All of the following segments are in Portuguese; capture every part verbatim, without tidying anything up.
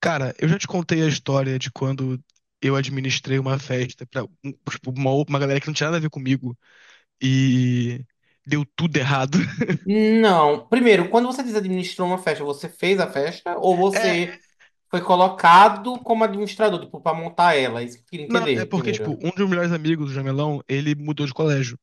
Cara, eu já te contei a história de quando eu administrei uma festa pra um- tipo, uma, uma galera que não tinha nada a ver comigo e deu tudo errado. Não. Primeiro, quando você diz administrou uma festa, você fez a festa ou É, você foi colocado como administrador, tipo, pra montar ela? É isso que eu queria não, é entender porque, tipo, primeiro. um dos meus melhores amigos, o Jamelão, ele mudou de colégio.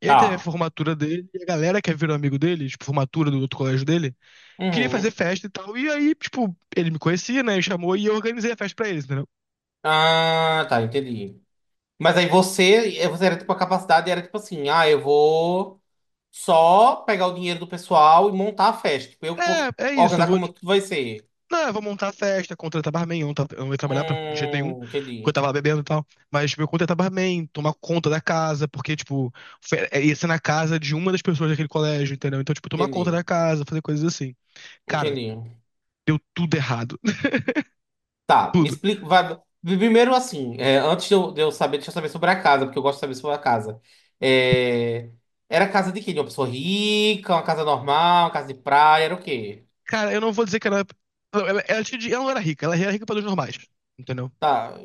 E aí teve a Tá. formatura dele, e a galera que virou amigo dele, tipo, formatura do outro colégio dele, queria fazer Uhum. festa e tal. E aí, tipo, ele me conhecia, né? E chamou e eu organizei a festa pra eles, entendeu? Ah, tá, entendi. Mas aí você, eh, você era tipo a capacidade, era tipo assim, ah, eu vou só pegar o dinheiro do pessoal e montar a festa. Tipo, eu que vou É, é isso, eu organizar vou. como tudo vai ser. Não, eu vou montar a festa, contratar barman. Eu não, tava- eu não ia trabalhar pra, de jeito nenhum, Hum, porque eu entendi, tava lá bebendo e tal. Mas, tipo, eu contratar barman, tomar conta da casa, porque, tipo, fe- é, ia ser na casa de uma das pessoas daquele colégio, entendeu? Então, tipo, tomar conta entendi, da casa, fazer coisas assim. Cara, entendi. deu tudo errado. Tá, me Tudo. explica. Vai- primeiro, assim, é, antes de eu, de eu saber, deixa eu saber sobre a casa, porque eu gosto de saber sobre a casa. É, era casa de quê? De uma pessoa rica, uma casa normal, uma casa de praia, era o quê? Cara, eu não vou dizer que ela. Ela, ela, ela tinha dinhe- ela não era rica, ela era rica pelos normais, entendeu? Tá.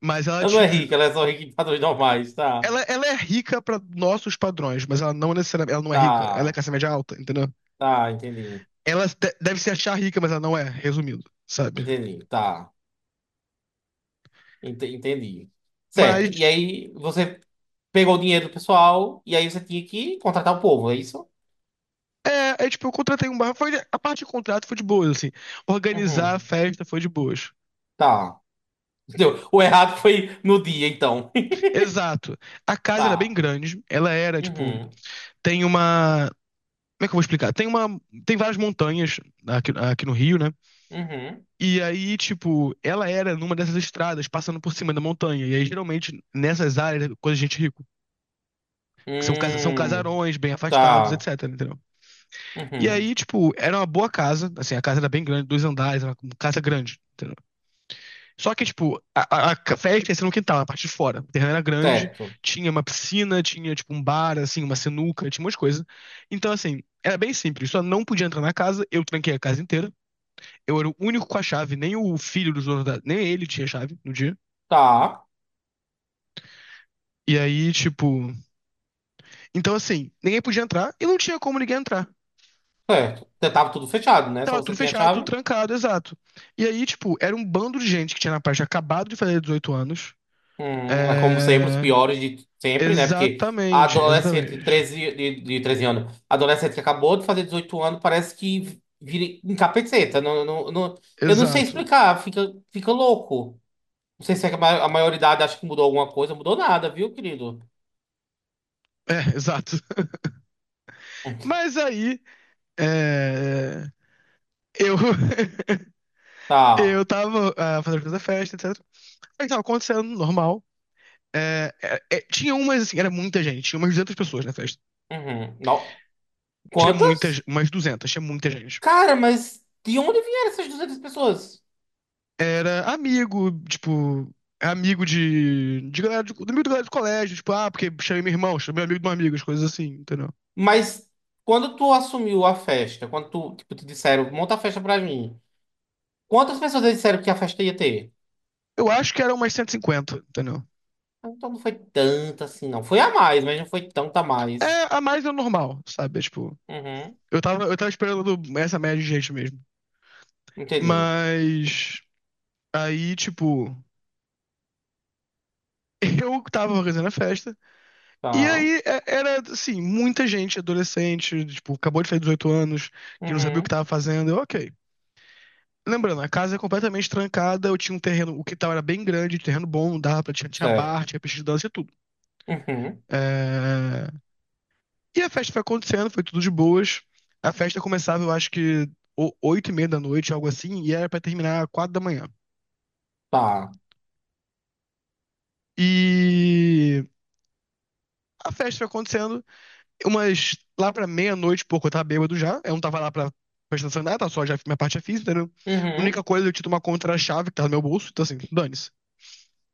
Mas ela, Ela não é tipo. rica, ela é só rica em padrões normais. Tá, Ela, ela é rica pra nossos padrões, mas ela não necessariamente. Ela não é rica. Ela é tá, classe média alta, entendeu? tá, entendi. Ela de- deve se achar rica, mas ela não é, resumindo, sabe? Entendi, tá. ente- Entendi. Certo. E Mas aí você pegou o dinheiro do pessoal e aí você tinha que contratar o povo, é isso? é, é tipo, eu contratei um bar. Foi, a parte de contrato foi de boas, assim. Organizar a Uhum. festa foi de boas. Tá. Entendeu? O errado foi no dia, então. Exato. A casa era bem Tá. grande. Ela era, tipo, Uhum, tem uma. Como é que eu vou explicar? Tem uma. Tem várias montanhas aqui, aqui no Rio, né? uhum. E aí, tipo, ela era numa dessas estradas, passando por cima da montanha. E aí, geralmente, nessas áreas, é coisa de gente rico. Que são, casa- são Hum, casarões bem afastados, tá. etc., entendeu? E Uhum, aí, tipo, era uma boa casa. Assim, a casa era bem grande, dois andares, era uma casa grande. Só que, tipo, a, a- a festa ia ser no quintal, na parte de fora. O terreno era grande, certo. tinha uma piscina, tinha, tipo, um bar, assim, uma sinuca, tinha umas coisas. Então, assim, era bem simples. Só não podia entrar na casa, eu tranquei a casa inteira. Eu era o único com a chave, nem o filho dos donos da... Nem ele tinha chave no dia. Tá, E aí, tipo... Então, assim, ninguém podia entrar e não tinha como ninguém entrar. certo. Você tava tudo fechado, né? Só Tava você tudo tinha a fechado, tudo chave. trancado, exato. E aí, tipo, era um bando de gente que tinha na parte acabado de fazer dezoito anos. Hum, é como sempre, os É... piores de sempre, né? Porque a Exatamente, adolescente de exatamente. treze de, de treze anos, a adolescente que acabou de fazer dezoito anos, parece que vira encapeta. Não, não, não, eu não sei Exato. explicar, fica, fica louco. Não sei se é que a ma- a maioridade acha que mudou alguma coisa, mudou nada, viu, querido? É, exato. Hum. Mas aí, é, eu, eu Tá. tava ah, fazendo toda a festa, et cetera. Aí tava acontecendo, normal. É, é, é, tinha umas, assim, era muita gente. Tinha umas duzentas pessoas na festa. Uhum. Não. Tinha muitas, Quantas? umas duzentas, tinha muita gente. Cara, mas de onde vieram essas duzentas pessoas? Era amigo, tipo, amigo de, de galera, do amigo da galera do colégio. Tipo, ah, porque chamei meu irmão, chamei amigo de um amigo, as coisas assim, entendeu? Mas quando tu assumiu a festa, quando tu, tipo, te disseram, monta a festa pra mim, quantas pessoas eles disseram que a festa ia ter? Eu acho que era umas cento e cinquenta, entendeu? Ah, então não foi tanta assim, não. Foi a mais, mas não foi tanta a mais. É, a mais é o normal, sabe? É, tipo, Uhum, Eu tava, eu tava esperando essa média de gente mesmo. entendi. Mas aí, tipo, eu tava organizando a festa. E Tá. aí é- era, assim, muita gente adolescente, tipo, acabou de fazer dezoito anos, que não sabia o que Uhum, tava fazendo. Eu, ok. Lembrando, a casa é completamente trancada, eu tinha um terreno, o quintal era bem grande, terreno bom, dava pra, tinha, tinha bar, certo. tinha pista de dança e tudo. Uhum, É, e a festa foi acontecendo, foi tudo de boas. A festa começava, eu acho que o- oito e meia da noite, algo assim, e era pra terminar quatro da manhã. tá. E a festa foi acontecendo, umas lá pra meia-noite, pouco, eu tava bêbado já. Eu não tava lá pra prestar atenção em nada, tava só já minha parte já fiz, entendeu? A única Uhum. coisa, eu tinha uma contra-chave que tava no meu bolso, então assim, dane-se.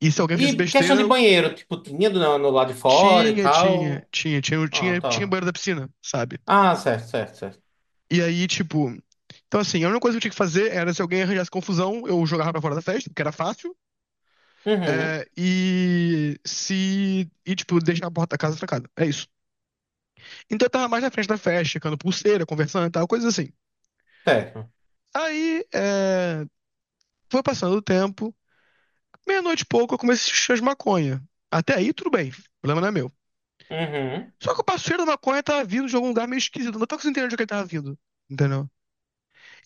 E se alguém fizesse E questão besteira, de eu banheiro, tipo, tinha no, no lado de fora e tinha, tinha, tal? tinha, tinha, eu Ah, tinha, tinha tá. banheiro da piscina, sabe? Ah, certo, certo, certo. E aí, tipo. Então, assim, a única coisa que eu tinha que fazer era se alguém arranjasse confusão, eu jogava pra fora da festa, porque era fácil, Uhum, é, e se. E, tipo, deixar a porta da casa trancada. É isso. Então eu tava mais na frente da festa, checando pulseira, conversando e tal, coisas assim. certo. Aí, é, foi passando o tempo, meia-noite e pouco eu comecei a cheirar de maconha. Até aí, tudo bem, o problema não é meu. Uhum. Só que o passeio da maconha tava vindo de algum lugar meio esquisito, não tava conseguindo entender de onde ele tava vindo, entendeu?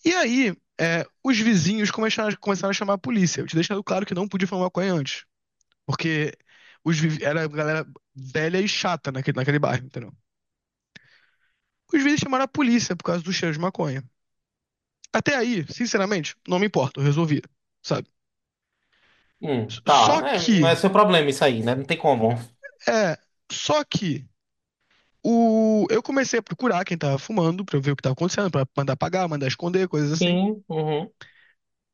E aí, é, os vizinhos começaram, começaram a chamar a polícia, eu te deixando claro que não podia fumar maconha antes, porque os vi- era galera velha e chata naquele, naquele bairro, entendeu? Os vizinhos chamaram a polícia por causa do cheiro de maconha. Até aí, sinceramente, não me importa, eu resolvi, sabe? Hum, tá, Só é, não que, é seu problema isso aí, né? Não tem como. é, só que o eu comecei a procurar quem tava fumando pra ver o que tava acontecendo, pra mandar apagar, mandar esconder, coisas assim. Sim, uhum.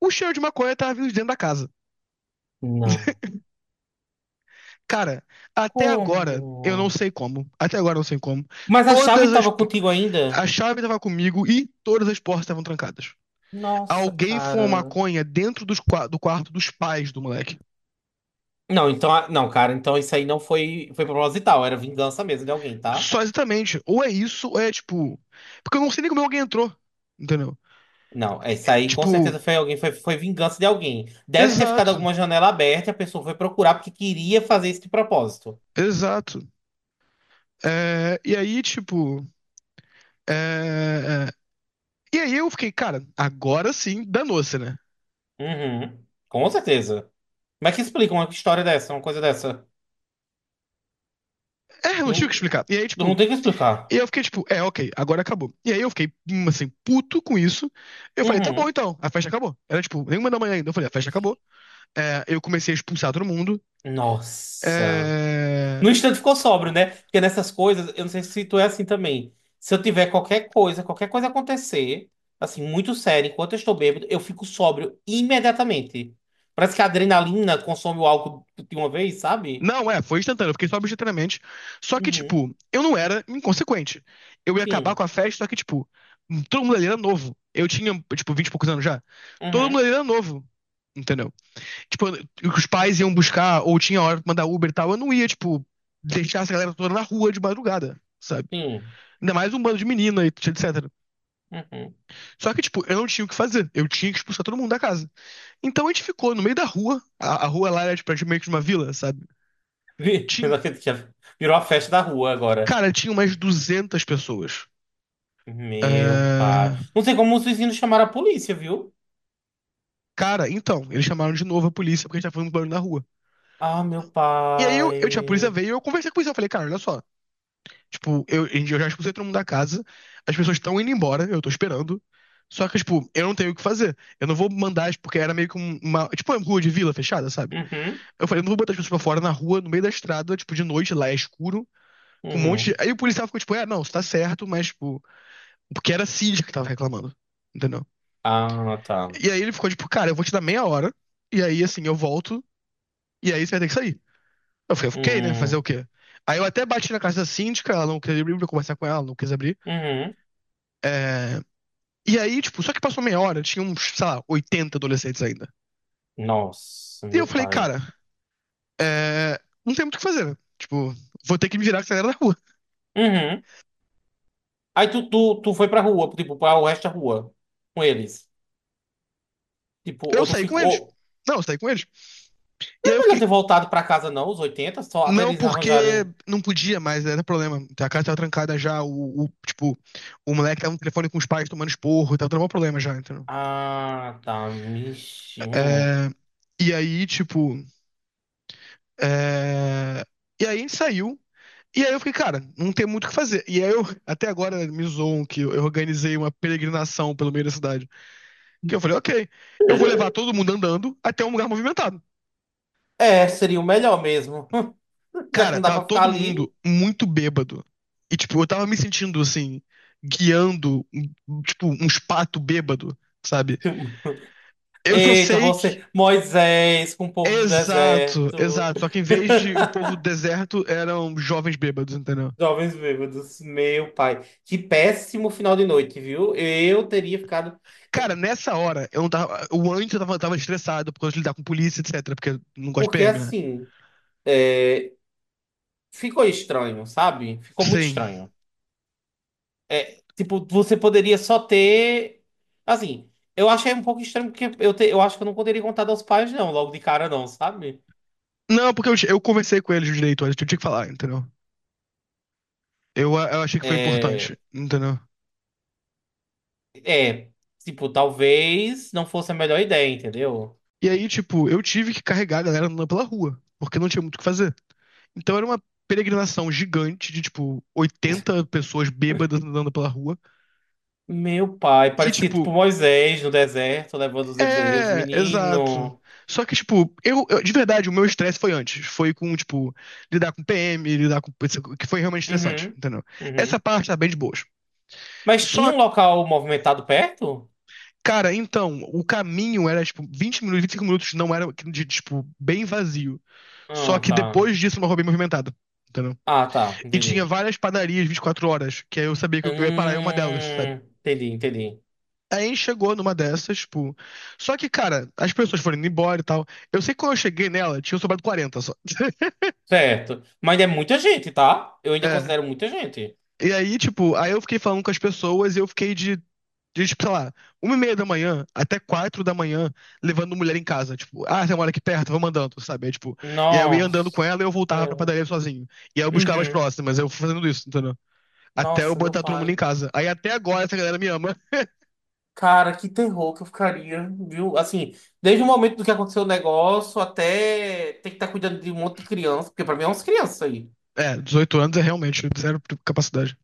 O cheiro de maconha tava vindo de dentro da casa. Não. Cara, até agora eu não Como? sei como. Até agora eu não sei como. Mas a chave Todas as tava po- contigo ainda? a chave tava comigo e todas as portas estavam trancadas. Nossa, Alguém fumou cara. maconha dentro dos qua- do quarto dos pais do moleque. Não, então, a- não, cara, então isso aí não foi, foi proposital, era vingança mesmo de alguém, tá? Só exatamente. Ou é isso, ou é tipo. Porque eu não sei nem como alguém entrou. Entendeu? Não, é isso aí com Tipo, certeza foi alguém, foi, foi vingança de alguém. Deve ter ficado exato, alguma janela aberta e a pessoa foi procurar porque queria fazer isso de propósito. exato. É, e aí, tipo. É, é. E aí eu fiquei, cara, agora sim, danou-se, né? Uhum, com certeza. Como é que explica uma história dessa, uma coisa dessa? É, não tive o Não, que explicar. E aí, não tipo, tem o que explicar. e eu fiquei, tipo, é, ok, agora acabou. E aí eu fiquei, hum, assim, puto com isso. Eu falei, tá bom Uhum. então, a festa acabou. Era, tipo, nenhuma da manhã ainda. Eu falei, a festa acabou. É, eu comecei a expulsar todo mundo. Nossa. É, No instante ficou sóbrio, né? Porque nessas coisas, eu não sei se tu é assim também. Se eu tiver qualquer coisa, qualquer coisa acontecer, assim, muito sério, enquanto eu estou bêbado, eu fico sóbrio imediatamente. Parece que a adrenalina consome o álcool de uma vez, sabe? não, é, foi instantâneo, eu fiquei sóbrio instantaneamente. Só que, Uhum. tipo, eu não era inconsequente. Eu ia acabar Sim. com a festa, só que, tipo, todo mundo ali era novo. Eu tinha, tipo, vinte e poucos anos já. Todo mundo Uhum. ali era novo, entendeu? Tipo, os pais iam buscar, ou tinha hora pra mandar Uber e tal, eu não ia, tipo, deixar essa galera toda na rua de madrugada, sabe? Sim. Ainda mais um bando de menina, e et cetera. Uhum. Só que, tipo, eu não tinha o que fazer. Eu tinha que expulsar todo mundo da casa. Então a gente ficou no meio da rua. A, a rua lá era, tipo, meio que de uma vila, sabe? Vi- eu não Tinha, acredito que já virou a festa da rua agora. cara, tinha umas duzentas pessoas. Meu pai. Ah, Não sei como os vizinhos chamaram a polícia, viu? cara, então, eles chamaram de novo a polícia porque a gente tava fazendo muito barulho na rua. Ah, meu E aí eu, eu, tinha- a polícia pai. veio e eu conversei com a polícia. Eu falei, cara, olha só. Tipo, eu, eu já expulsei todo mundo da casa, as pessoas estão indo embora, eu tô esperando. Só que, tipo, eu não tenho o que fazer. Eu não vou mandar, as- porque era meio que um- uma. Tipo, uma rua de vila fechada, sabe? Uhum. Eu falei, eu não vou botar as pessoas pra fora na rua, no meio da estrada, tipo, de noite, lá é escuro, com um monte de. Uhum. Aí o policial ficou, tipo, é, não, você tá certo, mas, tipo, porque era a Cid que tava reclamando. Entendeu? Ah, tá. E aí ele ficou tipo, cara, eu vou te dar meia hora, e aí assim, eu volto, e aí você vai ter que sair. Eu falei, ok, né? Fazer o Hum, quê? Aí eu até bati na casa da síndica, ela não queria abrir pra eu conversar com ela, ela não quis abrir. uhum. É, e aí, tipo, só que passou meia hora, tinha uns, sei lá, oitenta adolescentes ainda. Nossa, E eu meu falei, pai. cara, é, não tem muito o que fazer, né? Tipo, vou ter que me virar com a galera da rua. Uhum. Aí tu, tu, tu foi pra rua, tipo, pra o resto da rua com eles. Tipo, Eu ou tu saí com eles. ficou. Não, eu saí com eles. E Não aí era eu melhor fiquei ter voltado pra casa, não, os oitenta só até não, eles porque arranjarem. não podia mais, era problema. Então, a casa tava trancada já, o, o- tipo, o moleque tava no telefone com os pais tomando esporro, tava dando um problema já, entendeu? Ah, tá. Mixi. Hum. É, e aí, tipo, é, e aí a gente saiu, e aí eu fiquei, cara, não tem muito o que fazer. E aí eu, até agora, né, me zoam que eu eu organizei uma peregrinação pelo meio da cidade, que eu falei, ok, eu vou levar todo mundo andando até um lugar movimentado. É, seria o melhor mesmo. Já que Cara, não dá tava pra ficar todo ali. mundo muito bêbado. E, tipo, eu tava me sentindo, assim, guiando, um- tipo, uns pato bêbado, sabe? Eu só Eita, sei que. você, Moisés, com o povo do Exato, deserto. exato. Só que em vez de o povo do deserto, eram jovens bêbados, entendeu? Jovens Bêbados, meu pai. Que péssimo final de noite, viu? Eu teria ficado. eu- Cara, nessa hora, eu não tava. O antes eu tava, tava estressado por causa de lidar com polícia, et cetera. Porque eu não gosto de Porque P M, né? assim, é, ficou estranho, sabe? Ficou muito Sim. estranho. É, tipo, você poderia só ter. Assim, eu achei um pouco estranho porque eu, te- eu acho que eu não poderia contar aos pais, não, logo de cara, não, sabe? Não, porque eu, eu conversei com eles direito, antes, eu tinha que falar, entendeu? Eu, eu achei que foi importante, É, entendeu? é, tipo, talvez não fosse a melhor ideia, entendeu? E aí, tipo, eu tive que carregar a galera andando pela rua, porque não tinha muito o que fazer. Então era uma peregrinação gigante de, tipo, oitenta pessoas bêbadas andando pela rua. Meu pai, E, parecia tipo, tipo Moisés no deserto, levando os hebreus, é, exato. menino. Só que, tipo, eu, eu- de verdade, o meu estresse foi antes. Foi com, tipo, lidar com P M, lidar com. Que foi realmente estressante, Uhum, entendeu? Essa uhum. parte tá bem de boas. Mas tinha Só, um local movimentado perto? cara, então, o caminho era, tipo, vinte minutos, vinte e cinco minutos não era, de, tipo, bem vazio. Só Ah, que tá. depois disso, uma rua bem movimentada, entendeu? Ah, tá. E tinha Entendi. várias padarias vinte e quatro horas, que aí eu sabia que eu ia parar em uma delas, sabe? Hum, entendi, entendi. Aí a gente chegou numa dessas, tipo. Só que, cara, as pessoas foram indo embora e tal. Eu sei que quando eu cheguei nela, tinha um sobrado quarenta só. Certo. Mas é muita gente, tá? Eu ainda É. considero muita gente. E aí, tipo, aí eu fiquei falando com as pessoas e eu fiquei de, de tipo, sei lá, uma e meia da manhã até quatro da manhã, levando mulher em casa. Tipo, ah, tem uma mora aqui perto, vou mandando, sabe? Aí, tipo, e aí eu ia andando com Nossa. ela e eu voltava pra padaria sozinho. E aí eu buscava as Uhum. próximas, eu fui fazendo isso, entendeu? Até eu Nossa, meu botar todo mundo em pai. casa. Aí até agora essa galera me ama. Cara, que terror que eu ficaria, viu? Assim, desde o momento do que aconteceu o negócio até ter que estar cuidando de um monte de criança, porque pra mim é umas crianças. É, dezoito anos é realmente zero capacidade.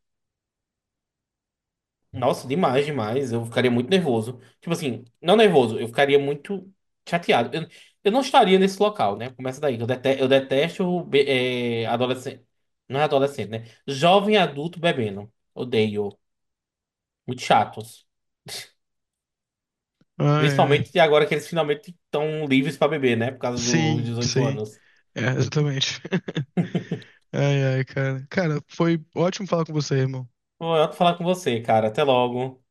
Nossa, demais, demais. Eu ficaria muito nervoso. Tipo assim, não nervoso, eu ficaria muito chateado. Eu, eu não estaria nesse local, né? Começa daí. Eu, dete, eu detesto be- é, adolescente. Não é adolescente, né? Jovem adulto bebendo. Odeio. Muito chatos. Ai, ai. Principalmente agora que eles finalmente estão livres pra beber, né? Por causa dos Sim, dezoito sim. anos. É, exatamente. Ai, ai, cara. Cara, foi ótimo falar com você, irmão. Foi ótimo falar com você, cara. Até logo.